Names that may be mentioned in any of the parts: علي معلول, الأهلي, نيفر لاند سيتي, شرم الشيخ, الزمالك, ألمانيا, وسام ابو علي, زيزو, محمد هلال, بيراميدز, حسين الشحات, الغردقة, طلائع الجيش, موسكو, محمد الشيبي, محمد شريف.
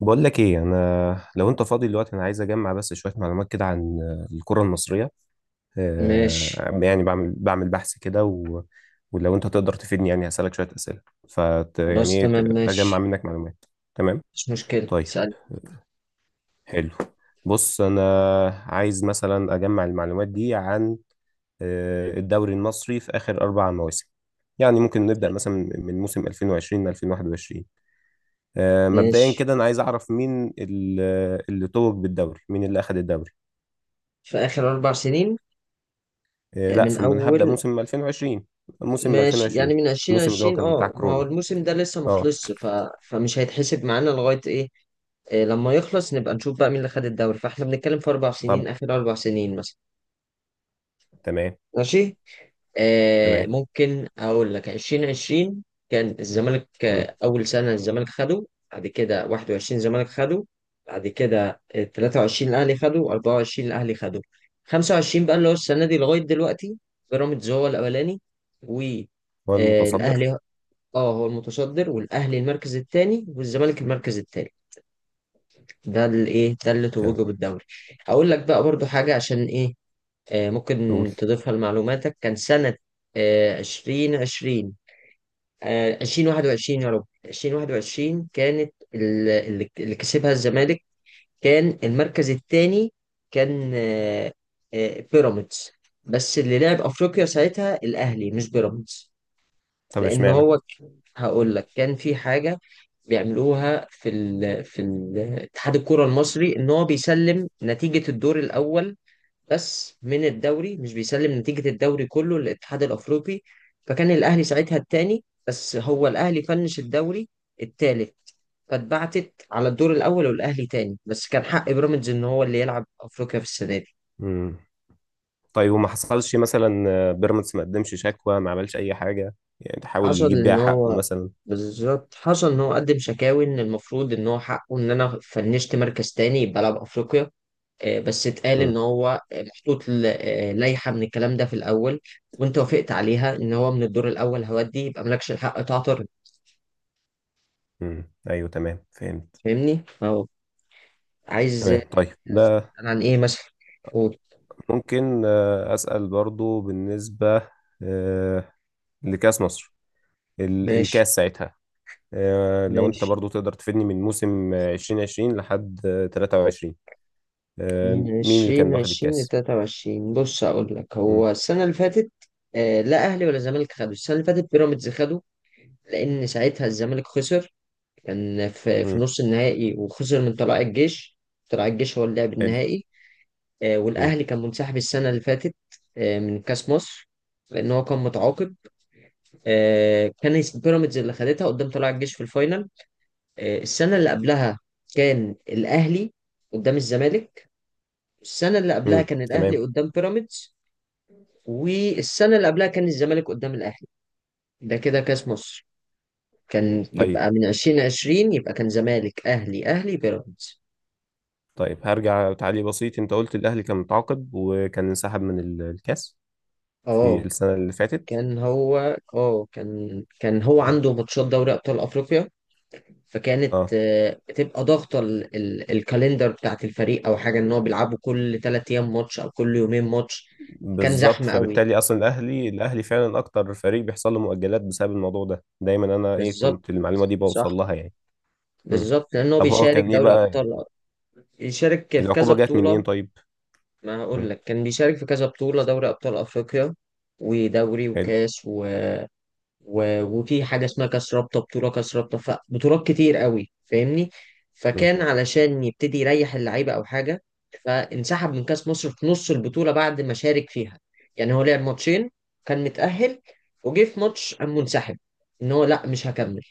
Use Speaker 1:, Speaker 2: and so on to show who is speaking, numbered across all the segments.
Speaker 1: بقول لك ايه، انا لو انت فاضي دلوقتي انا عايز اجمع بس شويه معلومات كده عن الكره المصريه.
Speaker 2: ماشي.
Speaker 1: يعني بعمل بحث كده و... ولو انت تقدر تفيدني يعني هسالك شويه اسئله. فت
Speaker 2: خلاص
Speaker 1: يعني ايه
Speaker 2: تمام
Speaker 1: اجمع
Speaker 2: ماشي.
Speaker 1: منك معلومات. تمام.
Speaker 2: مش مشكلة،
Speaker 1: طيب.
Speaker 2: سأل.
Speaker 1: حلو. بص، انا عايز مثلا اجمع المعلومات دي عن الدوري المصري في اخر اربع مواسم. يعني ممكن نبدا مثلا من موسم 2020 ل 2021. مبدئيا
Speaker 2: ماشي.
Speaker 1: كده انا عايز اعرف مين اللي توج بالدوري، مين اللي اخذ الدوري.
Speaker 2: في آخر أربع سنين،
Speaker 1: لا،
Speaker 2: من
Speaker 1: ثم أنا هبدا
Speaker 2: أول.
Speaker 1: موسم 2020، موسم
Speaker 2: ماشي، يعني
Speaker 1: 2020.
Speaker 2: من عشرين
Speaker 1: الموسم اللي هو
Speaker 2: عشرين،
Speaker 1: كان بتاع
Speaker 2: ما هو
Speaker 1: كورونا.
Speaker 2: الموسم ده لسه
Speaker 1: اه.
Speaker 2: مخلصش. فمش هيتحسب معانا لغاية إيه. إيه، لما يخلص نبقى نشوف بقى مين اللي خد الدوري، فاحنا بنتكلم في أربع سنين،
Speaker 1: طب
Speaker 2: آخر أربع سنين مثلا.
Speaker 1: تمام.
Speaker 2: ماشي،
Speaker 1: تمام.
Speaker 2: ممكن اقول لك 2020 كان الزمالك،
Speaker 1: مم.
Speaker 2: اول سنه الزمالك خده. بعد كده 21 الزمالك خده. بعد كده 23 الاهلي خده، 24 الاهلي خده. 25 بقى اللي هو السنه دي لغايه دلوقتي، بيراميدز هو الاولاني
Speaker 1: هو المتصدر.
Speaker 2: والاهلي. اه هو المتصدر، والاهلي المركز الثاني والزمالك المركز الثالث. ده ده اللي توجه
Speaker 1: تمام.
Speaker 2: بالدوري. اقول لك بقى برضو حاجه عشان ايه،
Speaker 1: قول.
Speaker 2: ممكن تضيفها لمعلوماتك. كان سنة عشرين عشرين، آه، عشرين واحد وعشرين يا رب عشرين واحد وعشرين كانت اللي كسبها الزمالك. كان المركز الثاني كان بيراميدز، بس اللي لعب أفريقيا ساعتها الأهلي مش بيراميدز.
Speaker 1: طب
Speaker 2: لأن
Speaker 1: اشمعنى؟
Speaker 2: هو ك- هقول لك كان في حاجة بيعملوها في ال اتحاد الكرة المصري، إن هو بيسلم نتيجة الدور الأول بس من الدوري، مش بيسلم نتيجة الدوري كله للاتحاد الأفريقي. فكان الأهلي ساعتها التاني، بس هو الأهلي فنش الدوري التالت. فاتبعتت على الدور الأول والأهلي تاني، بس كان حق بيراميدز إن هو اللي يلعب أفريقيا في السنة دي.
Speaker 1: مم. طيب، وما حصلش مثلا بيراميدز ما قدمش شكوى، ما عملش اي حاجه، يعني تحاول
Speaker 2: حصل
Speaker 1: يجيب بيها
Speaker 2: إن
Speaker 1: حقه
Speaker 2: هو
Speaker 1: مثلا؟
Speaker 2: بالظبط، حصل إن هو قدم شكاوي إن المفروض إن هو حقه، إن أنا فنشت مركز تاني يبقى ألعب أفريقيا. بس اتقال
Speaker 1: مم.
Speaker 2: ان هو محطوط لائحه من الكلام ده في الاول، وانت وافقت عليها، ان هو من الدور الاول هودي، يبقى مالكش الحق تعترض.
Speaker 1: مم. ايوه تمام، فهمت.
Speaker 2: فاهمني؟ فهو عايز
Speaker 1: تمام. طيب
Speaker 2: عايز
Speaker 1: ده،
Speaker 2: تسأل عن ايه مثلا؟ قول.
Speaker 1: ممكن اسال برضو بالنسبه آه، لكاس مصر،
Speaker 2: ماشي.
Speaker 1: الكاس ساعتها. لو انت
Speaker 2: ماشي.
Speaker 1: برضو تقدر تفيدني من موسم 2020 لحد 23،
Speaker 2: من
Speaker 1: مين اللي كان
Speaker 2: عشرين
Speaker 1: واخد
Speaker 2: عشرين
Speaker 1: الكاس؟
Speaker 2: لتلاتة وعشرين، بص أقول لك
Speaker 1: مم.
Speaker 2: هو السنة اللي فاتت آه لا أهلي ولا زمالك خدوا. السنة اللي فاتت بيراميدز خدوا، لأن ساعتها الزمالك خسر، كان في
Speaker 1: مم.
Speaker 2: نص النهائي وخسر من طلائع الجيش. طلائع الجيش هو اللي لعب
Speaker 1: حلو.
Speaker 2: النهائي.
Speaker 1: مم.
Speaker 2: والأهلي كان منسحب السنة اللي فاتت من كأس مصر، لأن هو كان متعاقب. كان بيراميدز اللي خدتها قدام طلائع الجيش في الفاينل. السنة اللي قبلها كان الأهلي قدام الزمالك. السنة اللي قبلها
Speaker 1: مم.
Speaker 2: كان الأهلي
Speaker 1: تمام.
Speaker 2: قدام بيراميدز، والسنة اللي قبلها كان الزمالك قدام الأهلي. ده كده كأس مصر، كان
Speaker 1: طيب.
Speaker 2: يبقى من عشرين عشرين يبقى كان زمالك أهلي أهلي بيراميدز.
Speaker 1: طيب هرجع تعليق بسيط، انت قلت الاهلي كان متعاقد وكان انسحب من الكاس في
Speaker 2: اه
Speaker 1: السنة اللي فاتت.
Speaker 2: كان هو اه كان كان هو
Speaker 1: مم.
Speaker 2: عنده ماتشات دوري أبطال أفريقيا، فكانت
Speaker 1: اه
Speaker 2: بتبقى ضاغطه الكالندر بتاعت الفريق او حاجه، ان هو بيلعبوا كل ثلاث ايام ماتش او كل يومين ماتش. كان
Speaker 1: بالظبط،
Speaker 2: زحمه قوي.
Speaker 1: فبالتالي اصلا الاهلي فعلا اكتر فريق بيحصل له مؤجلات بسبب الموضوع ده دايما. انا ايه، كنت
Speaker 2: بالظبط.
Speaker 1: المعلومة دي بوصل
Speaker 2: صح.
Speaker 1: لها يعني. مم.
Speaker 2: بالظبط، لان هو
Speaker 1: طب هو
Speaker 2: بيشارك
Speaker 1: كان ايه
Speaker 2: دوري
Speaker 1: بقى،
Speaker 2: ابطال، بيشارك في كذا
Speaker 1: العقوبة جت من
Speaker 2: بطوله.
Speaker 1: ايه طيب؟
Speaker 2: ما
Speaker 1: مم.
Speaker 2: هقول لك كان بيشارك في كذا بطوله، دوري ابطال افريقيا ودوري
Speaker 1: حلو.
Speaker 2: وكاس وفي حاجة اسمها كاس رابطة، بطولة كاس رابطة، فبطولات كتير قوي، فاهمني؟
Speaker 1: مم.
Speaker 2: فكان علشان يبتدي يريح اللعيبة أو حاجة، فانسحب من كاس مصر في نص البطولة بعد ما شارك فيها. يعني هو لعب ماتشين، كان متأهل، وجه في ماتش قام منسحب، إن هو لأ مش هكمل.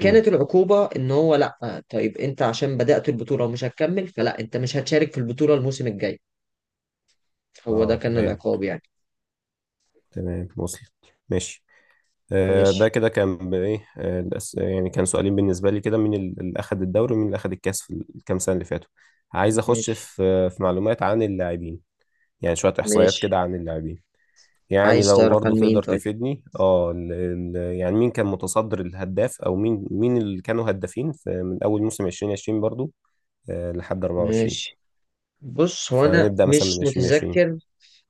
Speaker 1: مم.
Speaker 2: العقوبة إن هو لأ، طيب أنت عشان بدأت البطولة ومش هتكمل، فلأ أنت مش هتشارك في البطولة الموسم الجاي. هو ده
Speaker 1: اه
Speaker 2: كان
Speaker 1: تمام.
Speaker 2: العقاب يعني.
Speaker 1: تمام، وصلت. ماشي. آه ده
Speaker 2: ماشي.
Speaker 1: كده كان ايه، آه يعني كان سؤالين بالنسبة لي كده، مين اللي أخد الدوري ومين اللي أخد الكاس في الكام سنة اللي فاتوا. عايز أخش
Speaker 2: ماشي.
Speaker 1: في معلومات عن اللاعبين، يعني شوية إحصائيات
Speaker 2: ماشي.
Speaker 1: كده عن اللاعبين. يعني
Speaker 2: عايز
Speaker 1: لو
Speaker 2: تعرف عن
Speaker 1: برضو
Speaker 2: مين
Speaker 1: تقدر
Speaker 2: طيب؟
Speaker 1: تفيدني اه يعني مين كان متصدر الهداف، او مين اللي كانوا هدافين في من اول موسم 2020 برضو. آه لحد 24.
Speaker 2: ماشي. بص، هو انا
Speaker 1: فنبدأ مثلا من
Speaker 2: مش
Speaker 1: 2020.
Speaker 2: متذكر،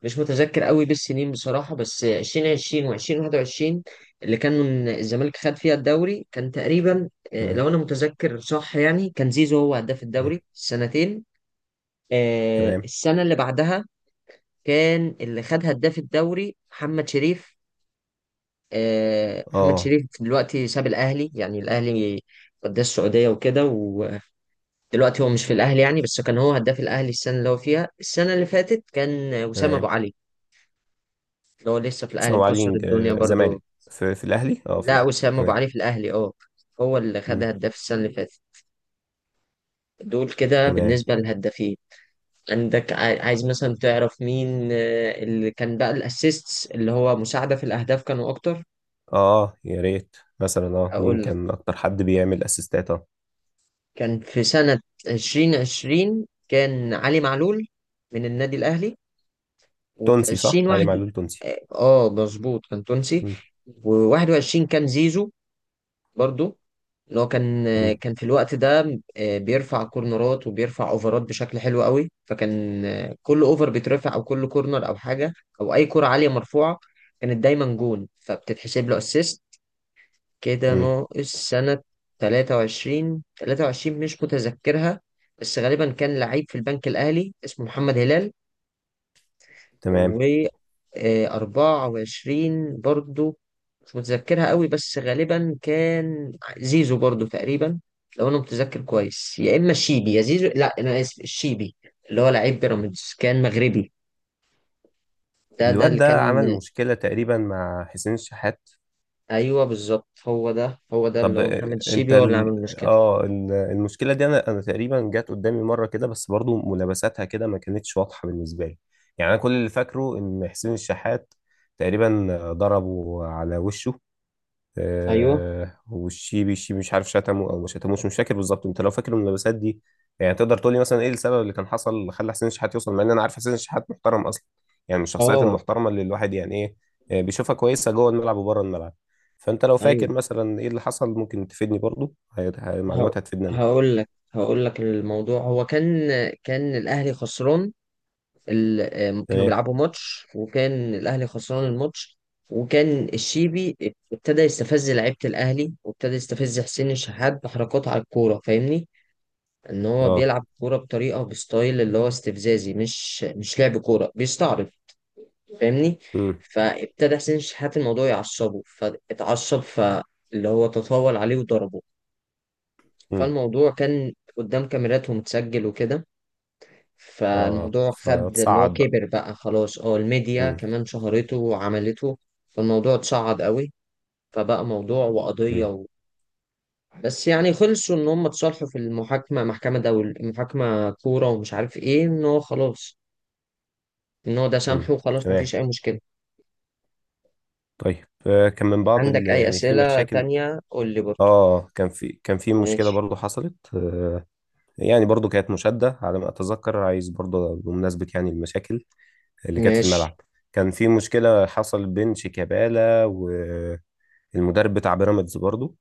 Speaker 2: مش متذكر قوي بالسنين بصراحه، بس 2020 و2021 اللي كان من الزمالك خد فيها الدوري، كان تقريبا
Speaker 1: تمام.
Speaker 2: لو انا متذكر صح يعني، كان زيزو هو هداف
Speaker 1: مم.
Speaker 2: الدوري السنتين.
Speaker 1: تمام.
Speaker 2: السنه اللي بعدها كان اللي خد هداف الدوري محمد شريف. محمد
Speaker 1: اه
Speaker 2: شريف دلوقتي ساب الاهلي، يعني الاهلي قدام السعوديه وكده، ودلوقتي هو مش في الاهلي يعني. بس كان هو هداف الاهلي السنه اللي هو فيها. السنه اللي فاتت كان وسام ابو
Speaker 1: تمام.
Speaker 2: علي، اللي هو لسه في الاهلي
Speaker 1: سلام
Speaker 2: مكسر
Speaker 1: علي.
Speaker 2: الدنيا برضو.
Speaker 1: زمالك. في الاهلي، اه في
Speaker 2: لا،
Speaker 1: الاهلي.
Speaker 2: وسام ابو
Speaker 1: تمام.
Speaker 2: علي في الاهلي اه، هو اللي خد
Speaker 1: مم.
Speaker 2: هداف السنه اللي فاتت. دول كده
Speaker 1: تمام.
Speaker 2: بالنسبه للهدافين. عندك عايز مثلا تعرف مين اللي كان بقى الاسيستس، اللي هو مساعده في الاهداف، كانوا اكتر؟
Speaker 1: اه يا ريت مثلا، اه مين
Speaker 2: اقول لك،
Speaker 1: كان اكتر حد بيعمل اسيستات اه.
Speaker 2: كان في سنه 2020 كان علي معلول من النادي الاهلي، وفي
Speaker 1: تونسي صح، علي
Speaker 2: 2021
Speaker 1: معلول تونسي؟
Speaker 2: اه مظبوط، كان تونسي.
Speaker 1: مم.
Speaker 2: و21 كان زيزو برضو، ان هو كان
Speaker 1: مم.
Speaker 2: كان في الوقت ده بيرفع كورنرات وبيرفع اوفرات بشكل حلو قوي، فكان كل اوفر بيترفع او كل كورنر او حاجه او اي كره عاليه مرفوعه، كانت دايما جون فبتتحسب له اسيست. كده
Speaker 1: مم.
Speaker 2: ناقص سنه 23. 23 مش متذكرها، بس غالبا كان لعيب في البنك الاهلي اسمه محمد هلال.
Speaker 1: تمام.
Speaker 2: و24 برضو مش متذكرها قوي، بس غالبا كان زيزو برضو تقريبا، لو انا متذكر كويس، يا اما الشيبي يا زيزو. لا انا اسف، الشيبي، اللي هو لعيب بيراميدز، كان مغربي. ده
Speaker 1: الواد
Speaker 2: اللي كان.
Speaker 1: ده عمل مشكلة تقريبا مع حسين الشحات.
Speaker 2: ايوه بالظبط، هو ده اللي
Speaker 1: طب
Speaker 2: هو محمد
Speaker 1: انت
Speaker 2: الشيبي، هو اللي عامل
Speaker 1: ال...
Speaker 2: المشكله.
Speaker 1: اه المشكله دي انا تقريبا جت قدامي مره كده، بس برضو ملابساتها كده ما كانتش واضحه بالنسبه لي. يعني انا كل اللي فاكره ان حسين الشحات تقريبا ضربه على وشه،
Speaker 2: ايوه.
Speaker 1: آه والشيبي، مش عارف شتمه او ما شتموش، مش فاكر بالظبط. انت لو فاكر الملابسات دي، يعني تقدر تقول لي مثلا ايه السبب اللي كان حصل اللي خلى حسين الشحات يوصل، مع ان انا عارف حسين الشحات محترم اصلا، يعني من الشخصيات
Speaker 2: اه.
Speaker 1: المحترمه اللي الواحد يعني ايه بيشوفها كويسه جوه الملعب وبره الملعب. فانت لو
Speaker 2: ايوه.
Speaker 1: فاكر مثلا ايه اللي حصل ممكن تفيدني برضو،
Speaker 2: ه-
Speaker 1: معلومات هتفيدني انا.
Speaker 2: هقول لك الموضوع. هو كان كان الاهلي خسران، كانوا
Speaker 1: تمام.
Speaker 2: بيلعبوا ماتش وكان الاهلي خسران الماتش. وكان الشيبي ابتدى يستفز لعيبه الاهلي، وابتدى يستفز حسين الشحات بحركات على الكوره، فاهمني؟ ان هو
Speaker 1: اه.
Speaker 2: بيلعب كوره بطريقه، بستايل اللي هو استفزازي، مش لعب كوره، بيستعرض، فاهمني؟
Speaker 1: امم.
Speaker 2: فابتدى حسين الشحات الموضوع يعصبه، فاتعصب، فاللي هو تطاول عليه وضربه.
Speaker 1: امم.
Speaker 2: فالموضوع كان قدام كاميرات ومتسجل وكده.
Speaker 1: اه
Speaker 2: فالموضوع خد اللي هو
Speaker 1: فتصعد بقى.
Speaker 2: كبر بقى، خلاص اه الميديا
Speaker 1: امم.
Speaker 2: كمان شهرته وعملته. فالموضوع اتصعد قوي، فبقى موضوع وقضية
Speaker 1: امم.
Speaker 2: و... بس يعني خلصوا ان هم اتصالحوا في المحاكمة، محكمة دول محاكمة كورة ومش عارف ايه، ان هو خلاص، ان هو ده
Speaker 1: امم.
Speaker 2: سامحه وخلاص،
Speaker 1: تمام.
Speaker 2: مفيش اي مشكلة.
Speaker 1: طيب كان من بعض
Speaker 2: عندك
Speaker 1: اللي
Speaker 2: اي
Speaker 1: يعني في
Speaker 2: اسئلة
Speaker 1: مشاكل.
Speaker 2: تانية قول لي برضه.
Speaker 1: اه كان في مشكله
Speaker 2: ماشي.
Speaker 1: برضو حصلت يعني برضو كانت مشاده، على ما اتذكر، عايز برضو بمناسبه يعني المشاكل اللي كانت في
Speaker 2: ماشي.
Speaker 1: الملعب. كان في مشكله حصل بين شيكابالا والمدرب بتاع بيراميدز برضو،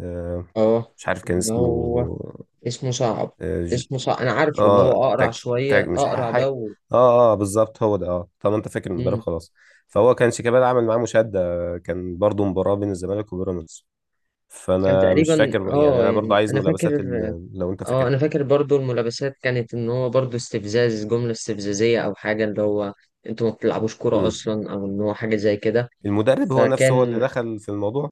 Speaker 1: آه،
Speaker 2: اه
Speaker 1: مش عارف كان
Speaker 2: اللي هو
Speaker 1: اسمه.
Speaker 2: اسمه صعب.
Speaker 1: اه
Speaker 2: اسمه صعب، انا عارفه، اللي هو اقرع
Speaker 1: تاك تاك،
Speaker 2: شوية،
Speaker 1: مش
Speaker 2: اقرع ده و...
Speaker 1: اه. اه بالظبط هو ده، اه. طب انت فاكر المدرب؟
Speaker 2: مم.
Speaker 1: خلاص. فهو كان شيكابالا عمل معاه مشاده، كان برضو مباراه بين الزمالك وبيراميدز.
Speaker 2: كان
Speaker 1: فانا مش
Speaker 2: تقريبا
Speaker 1: فاكر يعني
Speaker 2: اه،
Speaker 1: انا برضو
Speaker 2: يعني
Speaker 1: عايز
Speaker 2: انا
Speaker 1: ملابسات
Speaker 2: فاكر
Speaker 1: لو انت
Speaker 2: اه،
Speaker 1: فاكرها.
Speaker 2: انا فاكر برضو الملابسات كانت ان هو برضو استفزاز، جملة استفزازية او حاجة، اللي هو انتوا ما بتلعبوش كورة
Speaker 1: امم.
Speaker 2: اصلا، او ان هو حاجة زي كده.
Speaker 1: المدرب هو نفسه هو اللي
Speaker 2: فكان
Speaker 1: دخل في الموضوع.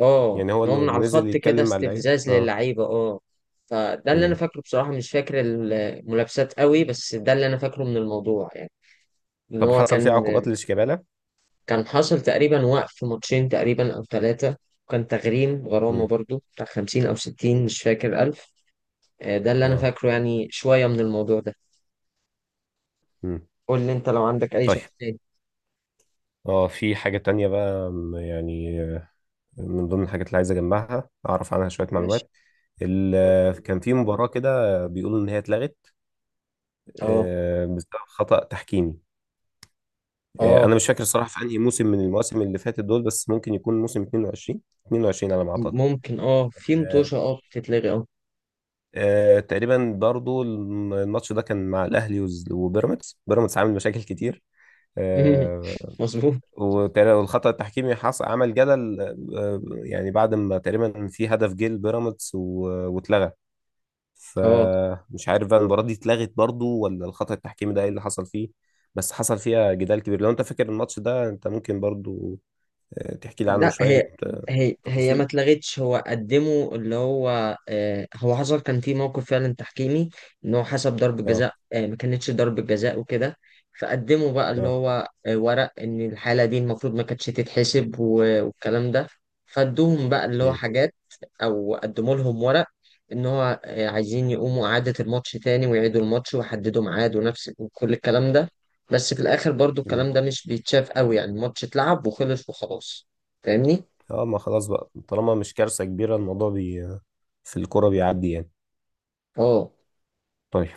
Speaker 2: اه
Speaker 1: يعني هو
Speaker 2: ان هو
Speaker 1: اللي
Speaker 2: من على
Speaker 1: نزل
Speaker 2: الخط كده
Speaker 1: يتكلم مع اللعيبه
Speaker 2: استفزاز
Speaker 1: اه.
Speaker 2: للعيبة اه. فده اللي انا
Speaker 1: امم.
Speaker 2: فاكره بصراحة، مش فاكر الملابسات قوي، بس ده اللي انا فاكره من الموضوع يعني. ان
Speaker 1: طب
Speaker 2: هو
Speaker 1: حصل فيه
Speaker 2: كان
Speaker 1: عقوبات لشيكابالا؟
Speaker 2: كان حاصل تقريبا وقف ماتشين تقريبا او ثلاثة. كان تغريم، غرامة
Speaker 1: امم.
Speaker 2: برضو بتاع خمسين أو ستين، مش فاكر. ده اللي انا
Speaker 1: اه.
Speaker 2: فاكره، يعني شويه من الموضوع ده.
Speaker 1: امم.
Speaker 2: قول لي انت لو عندك اي
Speaker 1: طيب،
Speaker 2: سؤال تاني.
Speaker 1: اه في حاجة تانية بقى يعني من ضمن الحاجات اللي عايز اجمعها، اعرف عنها شوية
Speaker 2: ماشي.
Speaker 1: معلومات.
Speaker 2: اتفضل.
Speaker 1: كان في مباراة كده، بيقولوا ان هي اتلغت
Speaker 2: اه.
Speaker 1: بسبب خطأ تحكيمي.
Speaker 2: اه
Speaker 1: انا مش فاكر الصراحه في انهي موسم من المواسم اللي فاتت دول، بس ممكن يكون موسم 22، 22 على ما اعتقد.
Speaker 2: ممكن، اه في
Speaker 1: آه،
Speaker 2: متوشه اه بتتلغي اه.
Speaker 1: تقريبا برضو الماتش ده كان مع الاهلي وبيراميدز، بيراميدز عامل مشاكل كتير. آه،
Speaker 2: مظبوط.
Speaker 1: والخطأ التحكيمي حصل عمل جدل، يعني بعد ما تقريبا في هدف جه لبيراميدز واتلغى.
Speaker 2: اه.
Speaker 1: فمش عارف بقى المباراة دي اتلغت برضو، ولا الخطأ التحكيمي ده ايه اللي حصل فيه. بس حصل فيها جدال كبير. لو انت فاكر الماتش ده، انت ممكن برضو تحكي لي عنه
Speaker 2: لا
Speaker 1: شوية
Speaker 2: هي هي هي ما
Speaker 1: تفاصيل.
Speaker 2: اتلغتش. هو قدمه اللي هو آه، هو حصل كان في موقف فعلا تحكيمي، ان هو حسب ضربة
Speaker 1: اه.
Speaker 2: جزاء آه ما كانتش ضربة جزاء وكده. فقدموا بقى اللي
Speaker 1: اه.
Speaker 2: هو آه ورق، ان الحالة دي المفروض ما كانتش تتحسب والكلام ده. فادوهم بقى اللي هو
Speaker 1: امم.
Speaker 2: حاجات، او قدموا لهم ورق، ان هو آه عايزين يقوموا اعادة الماتش تاني، ويعيدوا الماتش ويحددوا ميعاد ونفس وكل الكلام ده. بس في الاخر برضو
Speaker 1: امم.
Speaker 2: الكلام ده مش بيتشاف قوي، يعني الماتش اتلعب وخلص وخلاص، فاهمني؟
Speaker 1: اه ما خلاص بقى، طالما مش كارثة كبيرة الموضوع في الكورة بيعدي يعني.
Speaker 2: اه.
Speaker 1: طيب.